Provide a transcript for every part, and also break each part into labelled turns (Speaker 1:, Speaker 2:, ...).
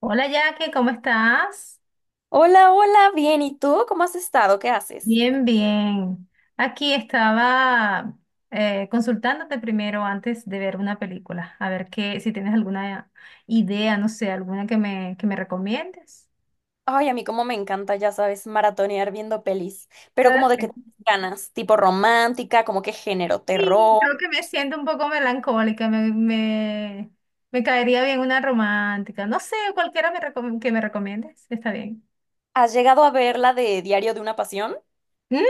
Speaker 1: Hola Jackie, ¿cómo estás?
Speaker 2: Hola, hola, bien. ¿Y tú? ¿Cómo has estado? ¿Qué haces?
Speaker 1: Bien, bien. Aquí estaba consultándote primero antes de ver una película, a ver qué, si tienes alguna idea, no sé, alguna que me recomiendes.
Speaker 2: Ay, a mí como me encanta, ya sabes, maratonear viendo pelis. Pero
Speaker 1: Ah,
Speaker 2: como de qué ganas, tipo romántica, como qué género,
Speaker 1: sí,
Speaker 2: terror.
Speaker 1: creo que me siento un poco melancólica, me caería bien una romántica, no sé, cualquiera que me recomiendes, está bien.
Speaker 2: ¿Has llegado a ver la de Diario de una Pasión
Speaker 1: Mm,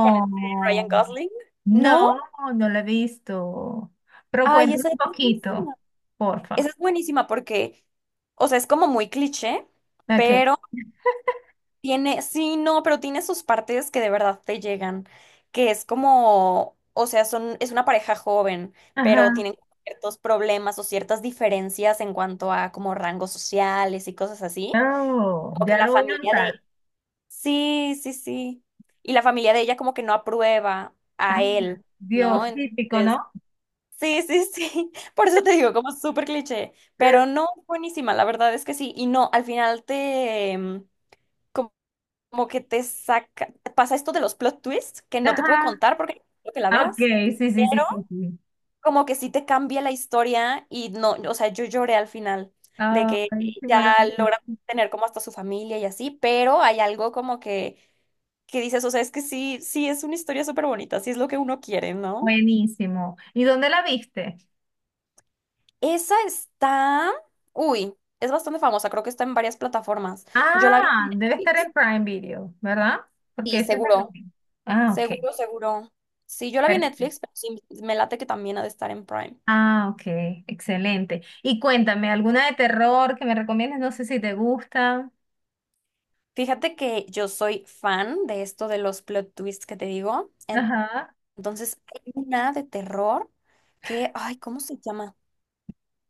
Speaker 2: con este Ryan Gosling? ¿No?
Speaker 1: no, no la he visto. Pero
Speaker 2: Ay,
Speaker 1: cuéntame
Speaker 2: esa es
Speaker 1: un poquito,
Speaker 2: buenísima. Esa
Speaker 1: porfa.
Speaker 2: es buenísima porque, o sea, es como muy cliché,
Speaker 1: Ok.
Speaker 2: pero tiene, sí, no, pero tiene sus partes que de verdad te llegan, que es como, o sea, son, es una pareja joven, pero
Speaker 1: Ajá.
Speaker 2: tienen ciertos problemas o ciertas diferencias en cuanto a como rangos sociales y cosas así.
Speaker 1: Oh,
Speaker 2: Como que
Speaker 1: ya
Speaker 2: la
Speaker 1: lo voy a
Speaker 2: familia
Speaker 1: anotar.
Speaker 2: de... Sí, sí, sí. Y la familia de ella como que no aprueba a
Speaker 1: Ah,
Speaker 2: él, ¿no?
Speaker 1: Dios, típico,
Speaker 2: Entonces,
Speaker 1: ¿no?
Speaker 2: sí, sí, sí. Por eso te digo, como súper cliché, pero no, buenísima, la verdad es que sí. Y no, al final te como que te saca, pasa esto de los plot twists que no te puedo
Speaker 1: Ajá.
Speaker 2: contar porque no quiero que la
Speaker 1: Ah, ok,
Speaker 2: veas,
Speaker 1: sí, sí, sí,
Speaker 2: pero
Speaker 1: sí, sí.
Speaker 2: como que sí te cambia la historia y no, o sea, yo lloré al final de
Speaker 1: Ay,
Speaker 2: que
Speaker 1: qué
Speaker 2: ya
Speaker 1: maravilloso.
Speaker 2: logran tener como hasta su familia y así, pero hay algo como que dices, o sea, es que sí, sí es una historia súper bonita, sí es lo que uno quiere, ¿no?
Speaker 1: Buenísimo. ¿Y dónde la viste?
Speaker 2: Esa está, uy, es bastante famosa, creo que está en varias plataformas. Yo la vi
Speaker 1: Ah,
Speaker 2: en
Speaker 1: debe estar
Speaker 2: Netflix
Speaker 1: en Prime Video, ¿verdad? Porque
Speaker 2: y
Speaker 1: esa es la
Speaker 2: seguro.
Speaker 1: que... Ah, ok.
Speaker 2: Seguro, seguro. Sí, yo la vi en
Speaker 1: Perfecto.
Speaker 2: Netflix, pero sí, me late que también ha de estar en Prime.
Speaker 1: Ah, ok, excelente. Y cuéntame, ¿alguna de terror que me recomiendes? No sé si te gusta.
Speaker 2: Fíjate que yo soy fan de esto de los plot twists que te digo.
Speaker 1: Ajá.
Speaker 2: Entonces, hay una de terror que, ay, ¿cómo se llama?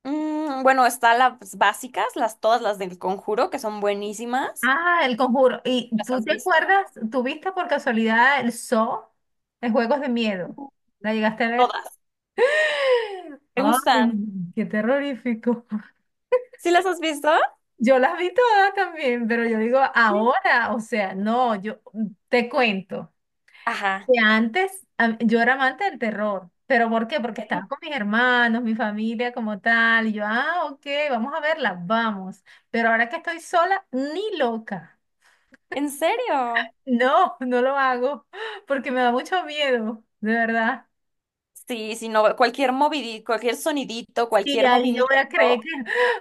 Speaker 2: Bueno, están las básicas, las todas las del Conjuro, que son buenísimas.
Speaker 1: Ah, El Conjuro. ¿Y
Speaker 2: ¿Las
Speaker 1: tú
Speaker 2: has
Speaker 1: te
Speaker 2: visto?
Speaker 1: acuerdas, tuviste por casualidad el Saw, de Juegos de Miedo? ¿La llegaste a ver?
Speaker 2: Todas. ¿Te
Speaker 1: Ay,
Speaker 2: gustan?
Speaker 1: qué terrorífico.
Speaker 2: ¿Sí las has visto?
Speaker 1: Yo las vi todas también, pero yo digo
Speaker 2: Sí.
Speaker 1: ahora, o sea, no, yo te cuento
Speaker 2: Ajá.
Speaker 1: que antes yo era amante del terror, pero ¿por qué? Porque estaba con mis hermanos, mi familia como tal, y yo, ah, ok, vamos a verla, vamos, pero ahora que estoy sola, ni loca,
Speaker 2: ¿En serio?
Speaker 1: no, no lo hago, porque me da mucho miedo, de verdad.
Speaker 2: Sí, sí, no, cualquier movidito, cualquier sonidito,
Speaker 1: Y
Speaker 2: cualquier
Speaker 1: ahí yo voy a creer que,
Speaker 2: movimiento.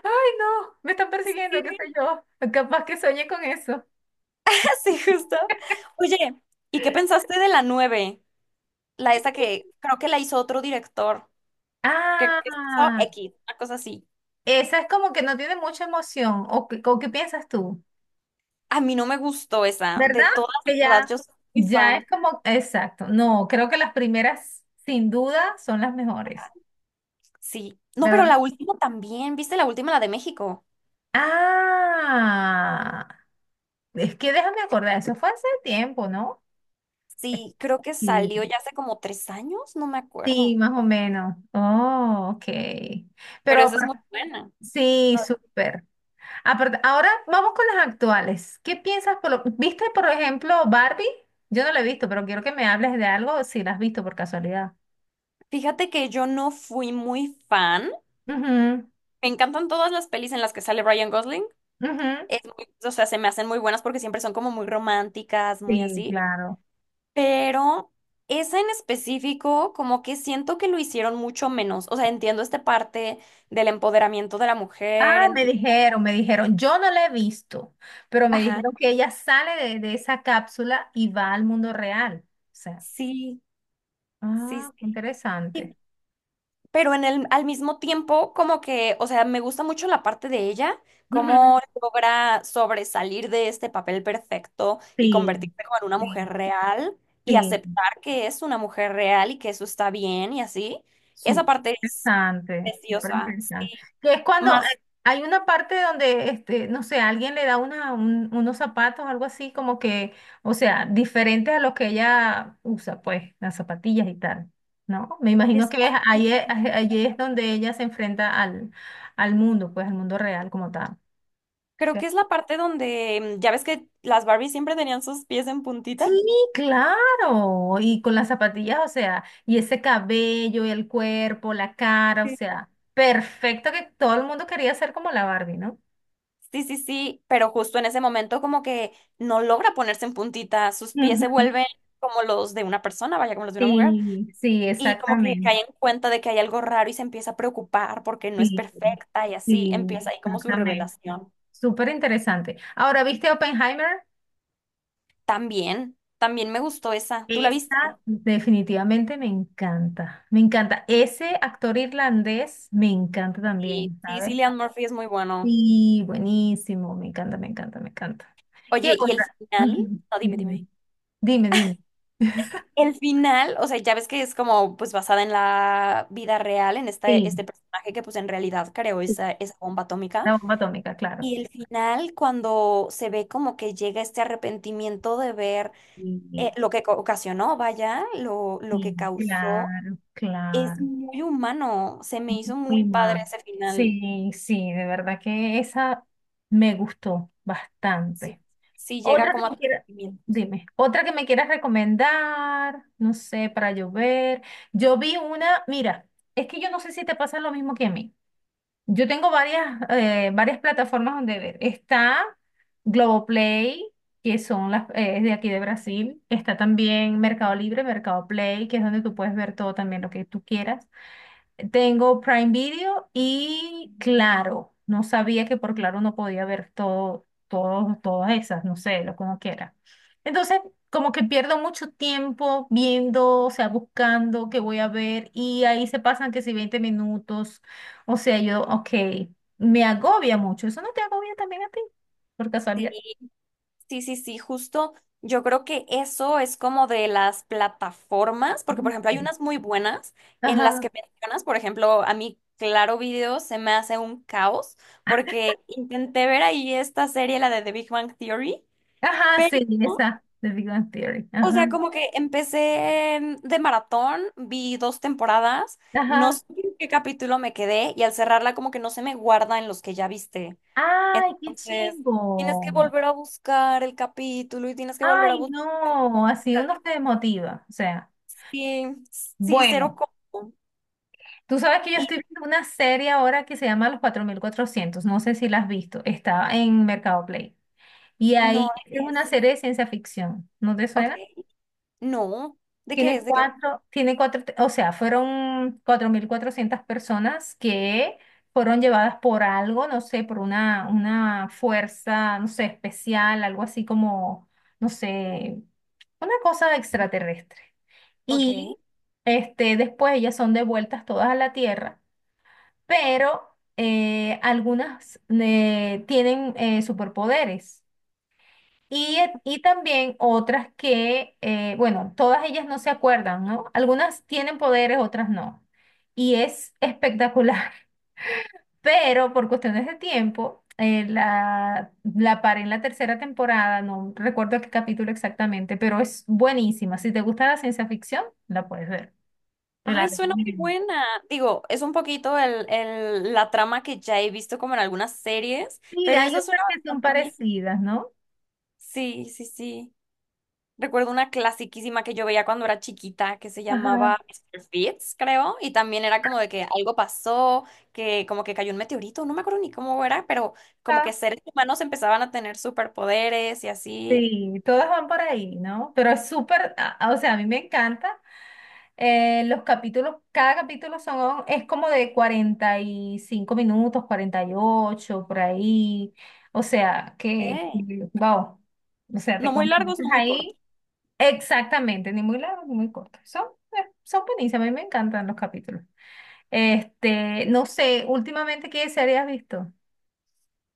Speaker 1: ay, no, me están persiguiendo, qué sé yo, capaz que soñé con eso.
Speaker 2: Sí, justo. Oye, ¿y qué pensaste de la 9 la esa que creo que la hizo otro director, que hizo
Speaker 1: Ah.
Speaker 2: X, una cosa así.
Speaker 1: Esa es como que no tiene mucha emoción. ¿O qué o qué piensas tú?
Speaker 2: A mí no me gustó esa, de
Speaker 1: ¿Verdad?
Speaker 2: todas, la
Speaker 1: Que
Speaker 2: verdad,
Speaker 1: ya,
Speaker 2: yo soy muy
Speaker 1: ya es
Speaker 2: fan.
Speaker 1: como, exacto. No, creo que las primeras, sin duda, son las mejores.
Speaker 2: Sí. No,
Speaker 1: ¿Verdad?
Speaker 2: pero la última también, ¿viste la última, la de México?
Speaker 1: Ah, es que déjame acordar, eso fue hace tiempo, ¿no?
Speaker 2: Sí, creo que
Speaker 1: Sí.
Speaker 2: salió ya hace como 3 años, no me
Speaker 1: Sí,
Speaker 2: acuerdo,
Speaker 1: más o menos. Oh, ok. Pero
Speaker 2: pero esa es muy
Speaker 1: apar-
Speaker 2: buena.
Speaker 1: sí,
Speaker 2: No,
Speaker 1: súper. Ahora vamos con las actuales. ¿Qué piensas por lo- ¿Viste, por ejemplo, Barbie? Yo no la he visto, pero quiero que me hables de algo si la has visto por casualidad.
Speaker 2: fíjate que yo no fui muy fan.
Speaker 1: Ujú,
Speaker 2: Me encantan todas las pelis en las que sale Ryan Gosling.
Speaker 1: ujú.
Speaker 2: O sea, se me hacen muy buenas porque siempre son como muy románticas, muy
Speaker 1: Sí,
Speaker 2: así.
Speaker 1: claro.
Speaker 2: Pero esa en específico, como que siento que lo hicieron mucho menos. O sea, entiendo esta parte del empoderamiento de la
Speaker 1: Ah,
Speaker 2: mujer, entiendo.
Speaker 1: me dijeron, yo no la he visto, pero me
Speaker 2: Ajá,
Speaker 1: dijeron que ella sale de esa cápsula y va al mundo real. O sea,
Speaker 2: sí, sí,
Speaker 1: ah, qué
Speaker 2: sí.
Speaker 1: interesante.
Speaker 2: Pero en el, al mismo tiempo, como que, o sea, me gusta mucho la parte de ella,
Speaker 1: Ujú.
Speaker 2: cómo logra sobresalir de este papel perfecto y
Speaker 1: Sí,
Speaker 2: convertirse como en una mujer
Speaker 1: sí,
Speaker 2: real y
Speaker 1: sí.
Speaker 2: aceptar que es una mujer real y que eso está bien y así. Esa
Speaker 1: Súper
Speaker 2: parte es
Speaker 1: interesante, súper
Speaker 2: preciosa, sí.
Speaker 1: interesante. Que es cuando
Speaker 2: Más
Speaker 1: hay una parte donde, este, no sé, alguien le da una, unos zapatos, algo así, como que, o sea, diferentes a los que ella usa, pues, las zapatillas y tal, ¿no? Me imagino
Speaker 2: esa
Speaker 1: que es-
Speaker 2: parte,
Speaker 1: ahí es, ahí es donde ella se enfrenta al, al mundo, pues, al mundo real como tal.
Speaker 2: creo
Speaker 1: ¿Sí?
Speaker 2: que es la parte donde, ya ves que las Barbies siempre tenían sus pies en puntita.
Speaker 1: Sí, claro. Y con las zapatillas, o sea, y ese cabello, el cuerpo, la cara, o sea, perfecto, que todo el mundo quería ser como la Barbie, ¿no?
Speaker 2: Sí, sí, sí, pero justo en ese momento como que no logra ponerse en puntita, sus pies se
Speaker 1: Ujú.
Speaker 2: vuelven como los de una persona, vaya, como los de una mujer,
Speaker 1: Sí, sí,
Speaker 2: y como que
Speaker 1: exactamente.
Speaker 2: cae en cuenta de que hay algo raro y se empieza a preocupar porque no es
Speaker 1: Sí,
Speaker 2: perfecta y así
Speaker 1: sí,
Speaker 2: empieza ahí como su
Speaker 1: exactamente.
Speaker 2: revelación.
Speaker 1: Súper interesante. Ahora, ¿viste Oppenheimer?
Speaker 2: También, también me gustó esa, ¿tú la viste?
Speaker 1: Esa definitivamente me encanta. Me encanta. Ese actor irlandés me encanta
Speaker 2: Sí,
Speaker 1: también,
Speaker 2: sí, sí,
Speaker 1: ¿sabes?
Speaker 2: Cillian Murphy es muy bueno.
Speaker 1: Sí, buenísimo. Me encanta, me encanta, me encanta. ¿Qué
Speaker 2: Oye, ¿y el
Speaker 1: otra?
Speaker 2: final?
Speaker 1: Ujú,
Speaker 2: No, dime, dime.
Speaker 1: dime, dime, dime.
Speaker 2: El final, o sea, ya ves que es como pues basada en la vida real, en este,
Speaker 1: Sí,
Speaker 2: este personaje que pues en realidad creó
Speaker 1: sí,
Speaker 2: esa, esa bomba atómica.
Speaker 1: la bomba atómica, claro.
Speaker 2: Y el final, cuando se ve como que llega este arrepentimiento de ver
Speaker 1: Sí,
Speaker 2: lo que ocasionó, vaya, lo
Speaker 1: sí,
Speaker 2: que causó,
Speaker 1: claro,
Speaker 2: es
Speaker 1: claro.
Speaker 2: muy humano. Se me hizo muy
Speaker 1: Muy
Speaker 2: padre
Speaker 1: mal.
Speaker 2: ese final.
Speaker 1: Sí, sí, de verdad que esa me gustó
Speaker 2: Sí,
Speaker 1: bastante.
Speaker 2: sí llega
Speaker 1: Otra que
Speaker 2: como
Speaker 1: me quiera,
Speaker 2: arrepentimiento.
Speaker 1: dime, otra que me quieras recomendar, no sé, para llover. Yo ver. Yo vi una, mira, es que yo no sé si te pasa lo mismo que a mí. Yo tengo varias, varias plataformas donde ver. Está Globoplay, que son las, es de aquí de Brasil. Está también Mercado Libre, Mercado Play, que es donde tú puedes ver todo también lo que tú quieras. Tengo Prime Video y Claro. No sabía que por Claro no podía ver todo, todo, todas esas, no sé, lo como quiera. Entonces, como que pierdo mucho tiempo viendo, o sea, buscando qué voy a ver y ahí se pasan que si 20 minutos, o sea, yo, ok, me agobia mucho. ¿Eso no te agobia también a ti, por
Speaker 2: Sí,
Speaker 1: casualidad?
Speaker 2: sí, sí, sí, justo. Yo creo que eso es como de las plataformas, porque por ejemplo hay
Speaker 1: Sí.
Speaker 2: unas muy buenas en las
Speaker 1: Ajá,
Speaker 2: que mencionas, por ejemplo, a mí Claro Video se me hace un caos, porque intenté ver ahí esta serie, la de The Big Bang Theory.
Speaker 1: ajá, sí,
Speaker 2: No,
Speaker 1: esa, The Big Bang Theory,
Speaker 2: o
Speaker 1: ajá,
Speaker 2: sea, como que de maratón, vi 2 temporadas, no
Speaker 1: ajá.
Speaker 2: sé en qué capítulo me quedé y al cerrarla como que no se me guarda en los que ya viste.
Speaker 1: ¡Ay, qué
Speaker 2: Entonces, tienes que
Speaker 1: chimbo!
Speaker 2: volver a buscar el capítulo y tienes que volver a
Speaker 1: Ay,
Speaker 2: buscar.
Speaker 1: no, así uno se desmotiva. O sea,
Speaker 2: Sí, sí, cero
Speaker 1: bueno,
Speaker 2: como.
Speaker 1: tú sabes que yo
Speaker 2: Y
Speaker 1: estoy viendo una serie ahora que se llama Los 4400. No sé si la has visto, está en Mercado Play. Y
Speaker 2: no,
Speaker 1: ahí es
Speaker 2: ¿de qué
Speaker 1: una
Speaker 2: es?
Speaker 1: serie de ciencia ficción, ¿no te
Speaker 2: Ok,
Speaker 1: suena?
Speaker 2: no, ¿de qué es? ¿De qué?
Speaker 1: O sea, fueron 4400 personas que fueron llevadas por algo, no sé, por una fuerza, no sé, especial, algo así como, no sé, una cosa extraterrestre.
Speaker 2: Ok.
Speaker 1: Y este, después ellas son devueltas todas a la Tierra, pero algunas tienen superpoderes. Y también otras que, bueno, todas ellas no se acuerdan, ¿no? Algunas tienen poderes, otras no. Y es espectacular, pero por cuestiones de tiempo, la paré en la tercera temporada, no recuerdo qué capítulo exactamente, pero es buenísima. Si te gusta la ciencia ficción, la puedes ver. Te la
Speaker 2: Ay, suena muy
Speaker 1: recomiendo.
Speaker 2: buena. Digo, es un poquito la trama que ya he visto como en algunas series,
Speaker 1: Sí,
Speaker 2: pero
Speaker 1: hay
Speaker 2: esa
Speaker 1: otras
Speaker 2: suena
Speaker 1: que son
Speaker 2: bastante bien.
Speaker 1: parecidas, ¿no?
Speaker 2: Sí, sí, sí. Recuerdo una clasiquísima que yo veía cuando era chiquita que se
Speaker 1: Ajá.
Speaker 2: llamaba Mister Fitz, creo, y también era como de que algo pasó, que como que cayó un meteorito, no me acuerdo ni cómo era, pero como
Speaker 1: Ah,
Speaker 2: que seres humanos empezaban a tener superpoderes y así.
Speaker 1: sí, todas van por ahí, ¿no? Pero es súper, o sea, a mí me encanta. Los capítulos, cada capítulo son, es como de 45 minutos, 48 por ahí. O sea, que,
Speaker 2: ¿Qué?
Speaker 1: wow. O sea, te
Speaker 2: No muy largos,
Speaker 1: concentras
Speaker 2: no muy cortos.
Speaker 1: ahí. Exactamente, ni muy largos ni muy cortos. Son, son buenísimos, a mí me encantan los capítulos. Este, no sé, últimamente, ¿qué serie has visto?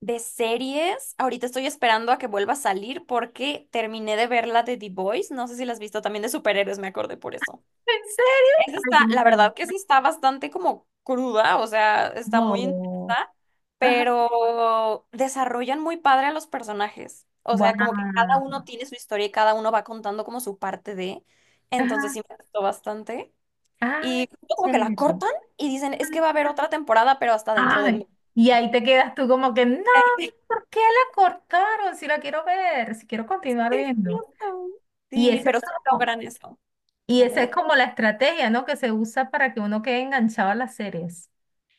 Speaker 2: De series, ahorita estoy esperando a que vuelva a salir porque terminé de ver la de The Boys, no sé si la has visto, también de superhéroes, me acordé por eso.
Speaker 1: ¿En serio?
Speaker 2: Esa
Speaker 1: Ay, qué
Speaker 2: está, la
Speaker 1: maravilla.
Speaker 2: verdad que esa está bastante como cruda, o sea, está muy
Speaker 1: No.
Speaker 2: intensa,
Speaker 1: Ajá.
Speaker 2: pero desarrollan muy padre a los personajes. O
Speaker 1: Guau.
Speaker 2: sea, como que cada uno tiene su historia y cada uno va contando como su parte de. Entonces
Speaker 1: Ajá.
Speaker 2: sí me gustó bastante.
Speaker 1: Ay,
Speaker 2: Y justo como que la
Speaker 1: chévere.
Speaker 2: cortan y dicen, es que va a haber otra temporada, pero hasta dentro de
Speaker 1: Ay.
Speaker 2: mí.
Speaker 1: Y ahí te quedas tú como que, no,
Speaker 2: Y ahí
Speaker 1: ¿por qué la cortaron? Si la quiero ver, si quiero continuar
Speaker 2: me quedé,
Speaker 1: viendo.
Speaker 2: "What".
Speaker 1: Y
Speaker 2: Sí,
Speaker 1: ese es
Speaker 2: pero sí
Speaker 1: como,
Speaker 2: logran eso.
Speaker 1: y esa es
Speaker 2: ¿Vale?
Speaker 1: como la estrategia, ¿no? Que se usa para que uno quede enganchado a las series,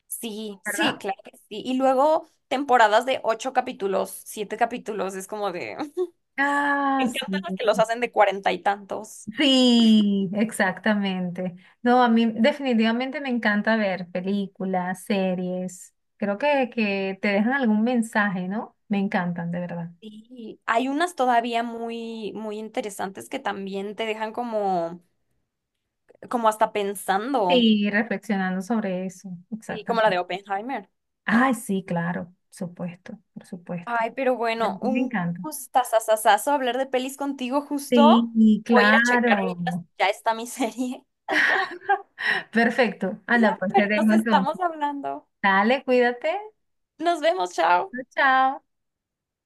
Speaker 2: Sí, sí,
Speaker 1: ¿verdad?
Speaker 2: claro que sí. Y luego temporadas de 8 capítulos, 7 capítulos, es como de...
Speaker 1: Ah,
Speaker 2: Me encantan
Speaker 1: sí.
Speaker 2: los que los hacen de cuarenta y tantos.
Speaker 1: Sí, exactamente. No, a mí definitivamente me encanta ver películas, series. Creo que te dejan algún mensaje, ¿no? Me encantan, de verdad.
Speaker 2: Sí, hay unas todavía muy, muy interesantes que también te dejan como, como hasta pensando,
Speaker 1: Sí, reflexionando sobre eso,
Speaker 2: sí, como la
Speaker 1: exactamente.
Speaker 2: de Oppenheimer.
Speaker 1: Ay, sí, claro, por supuesto, por supuesto.
Speaker 2: Ay, pero
Speaker 1: Pero
Speaker 2: bueno,
Speaker 1: sí, me
Speaker 2: un
Speaker 1: encanta.
Speaker 2: gustazazazazo hablar de pelis contigo justo.
Speaker 1: Sí, y
Speaker 2: Voy a ir a checar ahorita si
Speaker 1: claro.
Speaker 2: ya está mi serie.
Speaker 1: Perfecto. Anda, pues te
Speaker 2: Pero nos
Speaker 1: dejo
Speaker 2: estamos
Speaker 1: entonces.
Speaker 2: hablando.
Speaker 1: Dale, cuídate.
Speaker 2: Nos vemos, chao.
Speaker 1: Chao, chao.